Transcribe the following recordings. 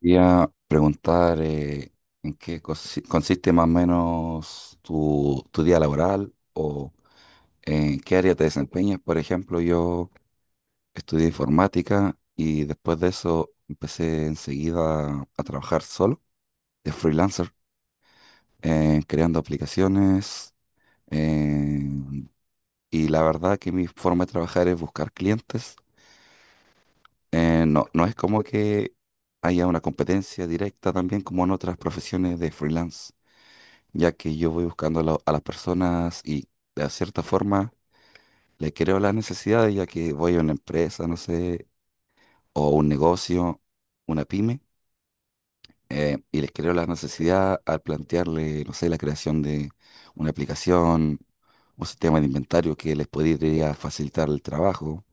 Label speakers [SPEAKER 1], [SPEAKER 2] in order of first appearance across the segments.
[SPEAKER 1] Quería preguntar en qué consiste más o menos tu día laboral o en qué área te desempeñas. Por ejemplo, yo estudié informática y después de eso empecé enseguida a trabajar solo de freelancer, creando aplicaciones. eh, y la verdad que mi forma de trabajar es buscar clientes. No, no es como que haya una competencia directa también como en otras profesiones de freelance, ya que yo voy buscando a, a las personas y de cierta forma le creo las necesidades, ya que voy a una empresa, no sé, o un negocio, una pyme, y les creo la necesidad al plantearle, no sé, la creación de una aplicación, un sistema de inventario que les podría facilitar el trabajo,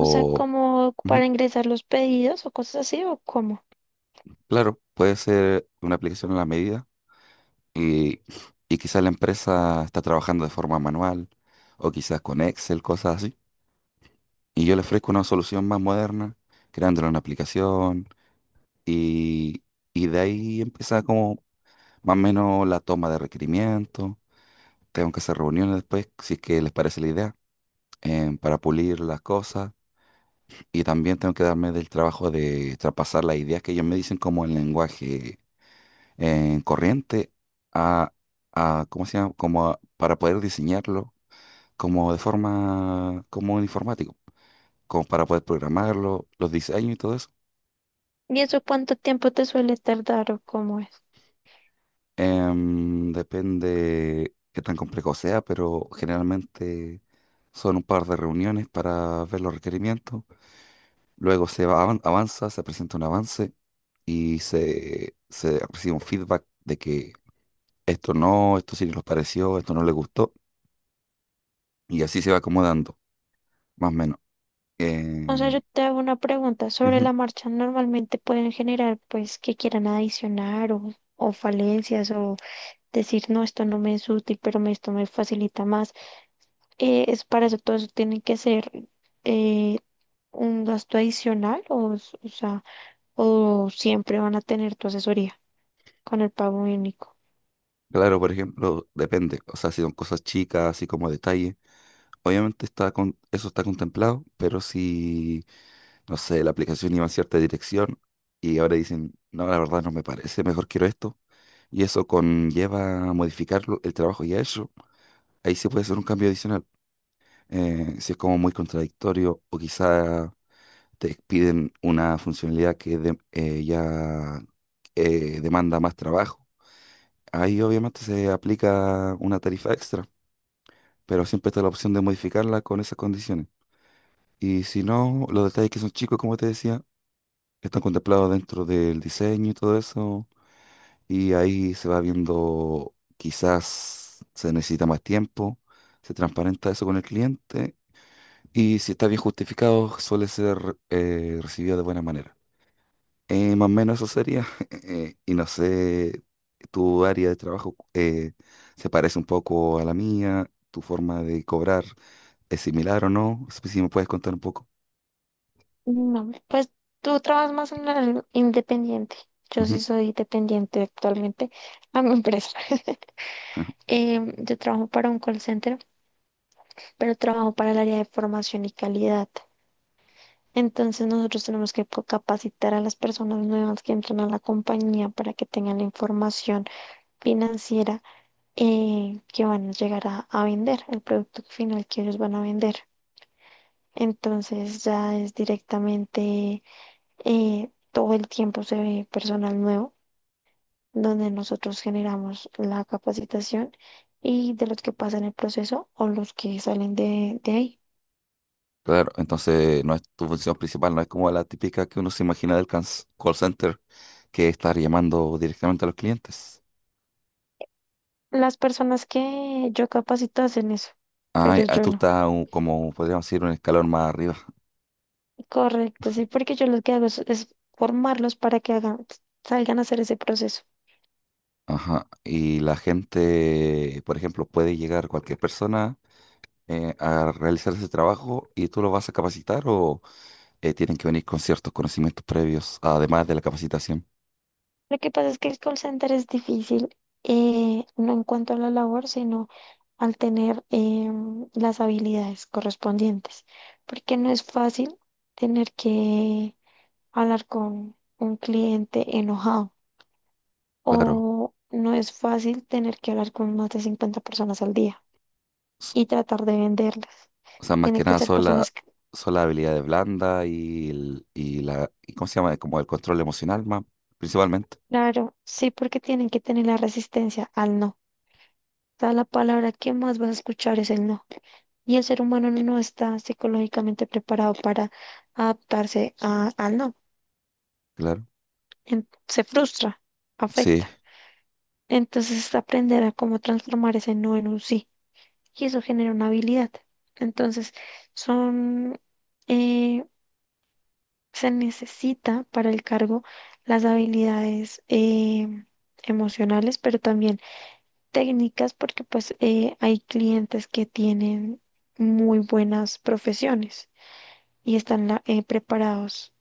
[SPEAKER 2] O sea, como
[SPEAKER 1] ujú,
[SPEAKER 2] para ingresar los pedidos o cosas así, o cómo.
[SPEAKER 1] claro, puede ser una aplicación a la medida y, y quizás la empresa está trabajando de forma manual. O quizás con Excel, cosas así. Y yo le ofrezco una solución más moderna, creándole una aplicación y, y de ahí empieza como más o menos la toma de requerimientos. Tengo que hacer reuniones después, si es que les parece la idea, para pulir las cosas. Y también tengo que darme del trabajo de traspasar las ideas que ellos me dicen como en lenguaje corriente a, a, ¿cómo se llama? Como para poder diseñarlo como de forma, como un informático, como para poder programarlo, los diseños y todo eso.
[SPEAKER 2] ¿Y eso cuánto tiempo te suele tardar o cómo es?
[SPEAKER 1] Depende qué tan complejo sea, pero generalmente son un par de reuniones para ver los requerimientos. Luego avanza, se presenta un avance y se recibe un feedback de que esto no, esto sí nos pareció, esto no le gustó. Y así se va acomodando, más o menos.
[SPEAKER 2] O sea,
[SPEAKER 1] Eh,
[SPEAKER 2] yo te hago una pregunta. Sobre
[SPEAKER 1] ujú.
[SPEAKER 2] la marcha, normalmente pueden generar, pues, que quieran adicionar o falencias o decir, no, esto no me es útil, pero esto me facilita más. Es para eso, todo eso tiene que ser eh, un gasto adicional o sea, o siempre van a tener tu asesoría con el pago único.
[SPEAKER 1] Claro, por ejemplo, depende. O sea, si son cosas chicas, así como detalles. Obviamente está con, eso está contemplado, pero si no sé, la aplicación iba en cierta dirección y ahora dicen, no, la verdad no me parece, mejor quiero esto. Y eso conlleva a modificar el trabajo ya hecho. Ahí sí puede ser un cambio adicional. Si es como muy contradictorio o quizá te piden una funcionalidad que ya demanda más trabajo. Ahí obviamente se aplica una tarifa extra, pero siempre está la opción de modificarla con esas condiciones. Y si no, los detalles que son chicos, como te decía, que están contemplados dentro del diseño y todo eso. Y ahí se va viendo, quizás se necesita más tiempo, se transparenta eso con el cliente. Y si está bien justificado, suele ser recibido de buena manera. Más o menos eso sería. Y no sé, tu área de trabajo se parece un poco a la mía, tu forma de cobrar es similar o no. Si me puedes contar un poco.
[SPEAKER 2] No, pues tú trabajas más en el independiente. Yo
[SPEAKER 1] Ujú.
[SPEAKER 2] sí soy dependiente actualmente a mi empresa.
[SPEAKER 1] Ah.
[SPEAKER 2] Yo trabajo para un call center, pero trabajo para el área de formación y calidad. Entonces nosotros tenemos que capacitar a las personas nuevas que entran a la compañía para que tengan la información financiera que van a llegar a vender, el producto final que ellos van a vender. Entonces ya es directamente todo el tiempo se ve personal nuevo, donde nosotros generamos la capacitación y de los que pasan el proceso o los que salen de ahí.
[SPEAKER 1] Claro, entonces no es tu función principal, no es como la típica que uno se imagina del call center, que es estar llamando directamente a los clientes.
[SPEAKER 2] Las personas que yo capacito hacen eso, pero
[SPEAKER 1] Ay, ah,
[SPEAKER 2] yo
[SPEAKER 1] tú
[SPEAKER 2] no.
[SPEAKER 1] estás como podríamos decir un escalón más arriba.
[SPEAKER 2] Correcto, sí, porque yo lo que hago es formarlos para que hagan, salgan a hacer ese proceso.
[SPEAKER 1] Ajá. Y la gente, por ejemplo, puede llegar cualquier persona a realizar ese trabajo y tú lo vas a capacitar o tienen que venir con ciertos conocimientos previos, además de la capacitación.
[SPEAKER 2] Lo que pasa es que el call center es difícil, no en cuanto a la labor, sino al tener las habilidades correspondientes, porque no es fácil tener que hablar con un cliente enojado
[SPEAKER 1] Claro.
[SPEAKER 2] o no es fácil tener que hablar con más de 50 personas al día y tratar de venderlas.
[SPEAKER 1] O sea, más
[SPEAKER 2] Tiene
[SPEAKER 1] que
[SPEAKER 2] que
[SPEAKER 1] nada
[SPEAKER 2] ser
[SPEAKER 1] son la,
[SPEAKER 2] personas,
[SPEAKER 1] son las habilidades blandas y, y la, y ¿cómo se llama? Como el control emocional, más, principalmente.
[SPEAKER 2] claro, sí, porque tienen que tener la resistencia al no. O sea, la palabra que más vas a escuchar es el no. Y el ser humano no está psicológicamente preparado para adaptarse al no.
[SPEAKER 1] Claro.
[SPEAKER 2] Se frustra,
[SPEAKER 1] Sí,
[SPEAKER 2] afecta. Entonces es aprender a cómo transformar ese no en un sí. Y eso genera una habilidad. Entonces, son, eh, se necesita para el cargo las habilidades emocionales, pero también técnicas, porque pues hay clientes que tienen muy buenas profesiones y están preparados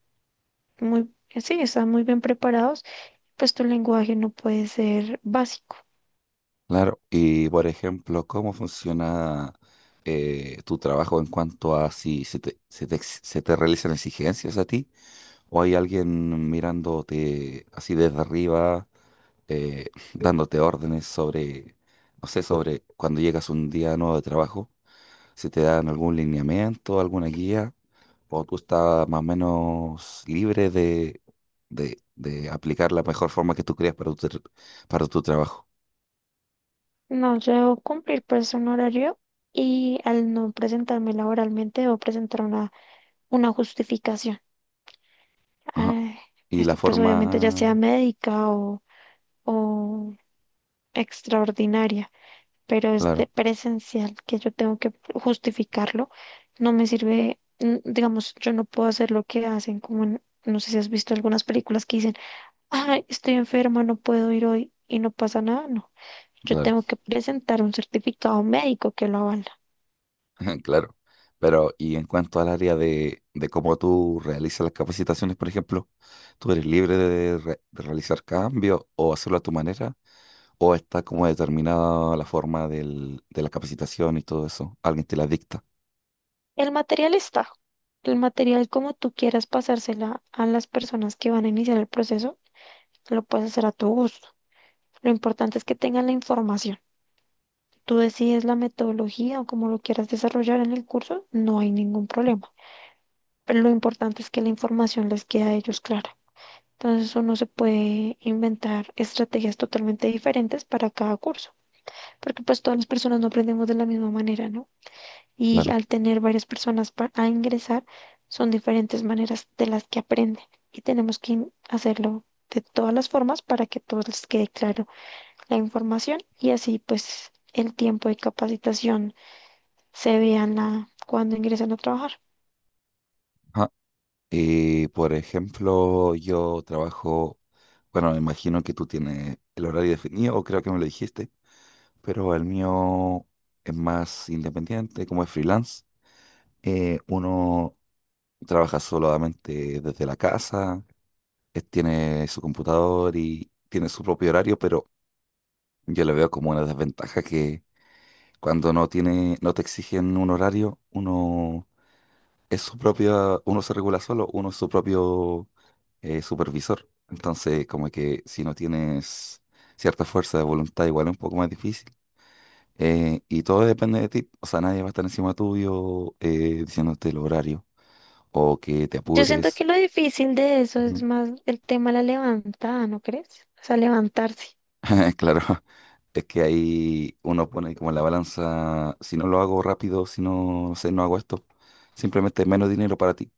[SPEAKER 2] muy, sí, están muy bien preparados, pues tu lenguaje no puede ser básico.
[SPEAKER 1] claro. Y por ejemplo, ¿cómo funciona tu trabajo en cuanto a si se te, se te realizan exigencias a ti? ¿O hay alguien mirándote así desde arriba, eh, dándote órdenes sobre, no sé, sobre cuando llegas un día nuevo de trabajo? ¿Si te dan algún lineamiento, alguna guía, o tú estás más o menos libre de aplicar la mejor forma que tú creas para para tu trabajo?
[SPEAKER 2] No, yo debo cumplir pues un horario y al no presentarme laboralmente debo presentar una justificación.
[SPEAKER 1] Ajá.
[SPEAKER 2] Ah,
[SPEAKER 1] Y la
[SPEAKER 2] esto pues obviamente ya sea
[SPEAKER 1] forma,
[SPEAKER 2] médica o extraordinaria, pero es de
[SPEAKER 1] claro,
[SPEAKER 2] presencial que yo tengo que justificarlo. No me sirve, digamos, yo no puedo hacer lo que hacen como no sé si has visto algunas películas que dicen ay, estoy enferma, no puedo ir hoy y no pasa nada, no. Yo
[SPEAKER 1] claro,
[SPEAKER 2] tengo que presentar un certificado médico que lo avala.
[SPEAKER 1] claro. Pero, y en cuanto al área de cómo tú realizas las capacitaciones, por ejemplo, ¿tú eres libre de realizar cambios o hacerlo a tu manera? ¿O está como determinada la forma de la capacitación y todo eso? ¿Alguien te la dicta?
[SPEAKER 2] El material está. El material, como tú quieras pasársela a las personas que van a iniciar el proceso, lo puedes hacer a tu gusto. Lo importante es que tengan la información. Tú decides la metodología o cómo lo quieras desarrollar en el curso, no hay ningún problema. Pero lo importante es que la información les quede a ellos clara. Entonces uno se puede inventar estrategias totalmente diferentes para cada curso, porque pues todas las personas no aprendemos de la misma manera, ¿no? Y
[SPEAKER 1] Claro.
[SPEAKER 2] al tener varias personas a ingresar, son diferentes maneras de las que aprenden y tenemos que hacerlo de todas las formas para que a todos les quede claro la información y así pues el tiempo de capacitación se vea en la, cuando ingresan a trabajar.
[SPEAKER 1] Y por ejemplo, yo trabajo, bueno, me imagino que tú tienes el horario definido, o creo que me lo dijiste, pero el mío es más independiente, como es freelance. Uno trabaja solamente desde la casa, tiene su computador y tiene su propio horario, pero yo le veo como una desventaja que cuando no tiene, no te exigen un horario, uno es su propia, uno se regula solo, uno es su propio supervisor. Entonces, como que si no tienes cierta fuerza de voluntad, igual es un poco más difícil. Y todo depende de ti. O sea, nadie va a estar encima tuyo diciéndote el horario o que te
[SPEAKER 2] Yo siento
[SPEAKER 1] apures.
[SPEAKER 2] que lo difícil de eso es
[SPEAKER 1] Ujú.
[SPEAKER 2] más el tema de la levantada, ¿no crees? O sea, levantarse.
[SPEAKER 1] Claro, es que ahí uno pone como la balanza, si no lo hago rápido, si no, no sé, no hago esto, simplemente menos dinero para ti.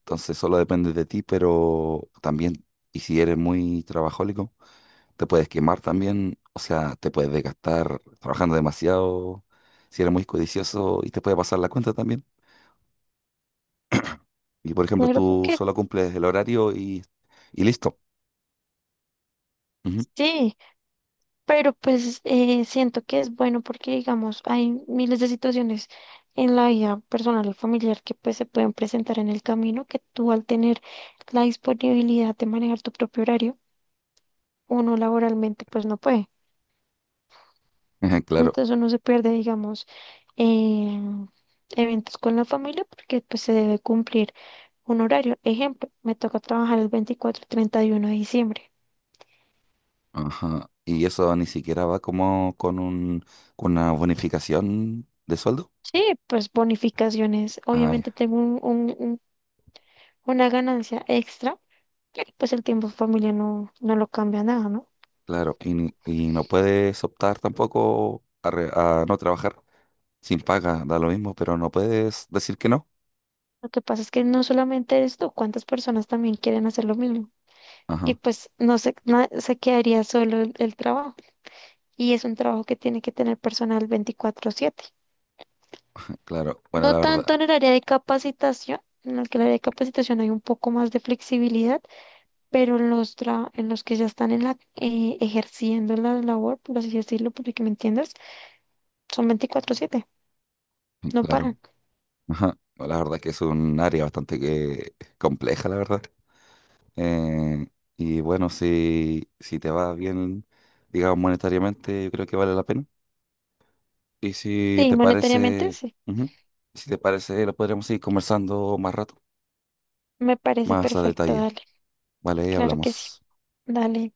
[SPEAKER 1] Entonces solo depende de ti, pero también, y si eres muy trabajólico, te puedes quemar también, o sea, te puedes desgastar trabajando demasiado, si eres muy codicioso y te puede pasar la cuenta también. Y por ejemplo,
[SPEAKER 2] Pero
[SPEAKER 1] tú
[SPEAKER 2] porque
[SPEAKER 1] solo cumples el horario y listo. Ujú.
[SPEAKER 2] sí. Pero pues siento que es bueno porque, digamos, hay miles de situaciones en la vida personal y familiar que pues se pueden presentar en el camino, que tú al tener la disponibilidad de manejar tu propio horario, uno laboralmente pues no puede.
[SPEAKER 1] Ujú, claro.
[SPEAKER 2] Entonces uno se pierde, digamos, eh, eventos con la familia porque pues se debe cumplir un horario. Ejemplo, me toca trabajar el 24 y 31 de diciembre.
[SPEAKER 1] Ajá. Y eso ni siquiera va como con un, con una bonificación de sueldo.
[SPEAKER 2] Sí, pues bonificaciones.
[SPEAKER 1] Ah, ya,
[SPEAKER 2] Obviamente tengo una ganancia extra, pues el tiempo en familia no, no lo cambia nada, ¿no?
[SPEAKER 1] claro. Y, y no puedes optar tampoco a, a no trabajar. Sin paga, da lo mismo, pero no puedes decir que no.
[SPEAKER 2] Lo que pasa es que no solamente esto, cuántas personas también quieren hacer lo mismo. Y
[SPEAKER 1] Ajá,
[SPEAKER 2] pues no se, se quedaría solo el trabajo. Y es un trabajo que tiene que tener personal 24/7.
[SPEAKER 1] claro, bueno,
[SPEAKER 2] No
[SPEAKER 1] la
[SPEAKER 2] tanto
[SPEAKER 1] verdad,
[SPEAKER 2] en el área de capacitación, en el que el área de capacitación hay un poco más de flexibilidad, pero en los que ya están ejerciendo la labor, por así decirlo, porque que me entiendas, son 24/7, no
[SPEAKER 1] claro,
[SPEAKER 2] paran.
[SPEAKER 1] ajá, bueno, la verdad que es un área bastante que compleja, la verdad. Eh, y bueno, si, si te va bien, digamos, monetariamente, yo creo que vale la pena. Y si
[SPEAKER 2] Sí,
[SPEAKER 1] te
[SPEAKER 2] monetariamente
[SPEAKER 1] parece,
[SPEAKER 2] sí,
[SPEAKER 1] ujú, si te parece, lo podremos seguir conversando más rato,
[SPEAKER 2] me parece
[SPEAKER 1] más a
[SPEAKER 2] perfecto,
[SPEAKER 1] detalle,
[SPEAKER 2] dale.
[SPEAKER 1] ¿vale?
[SPEAKER 2] Claro que sí.
[SPEAKER 1] Hablamos.
[SPEAKER 2] Dale.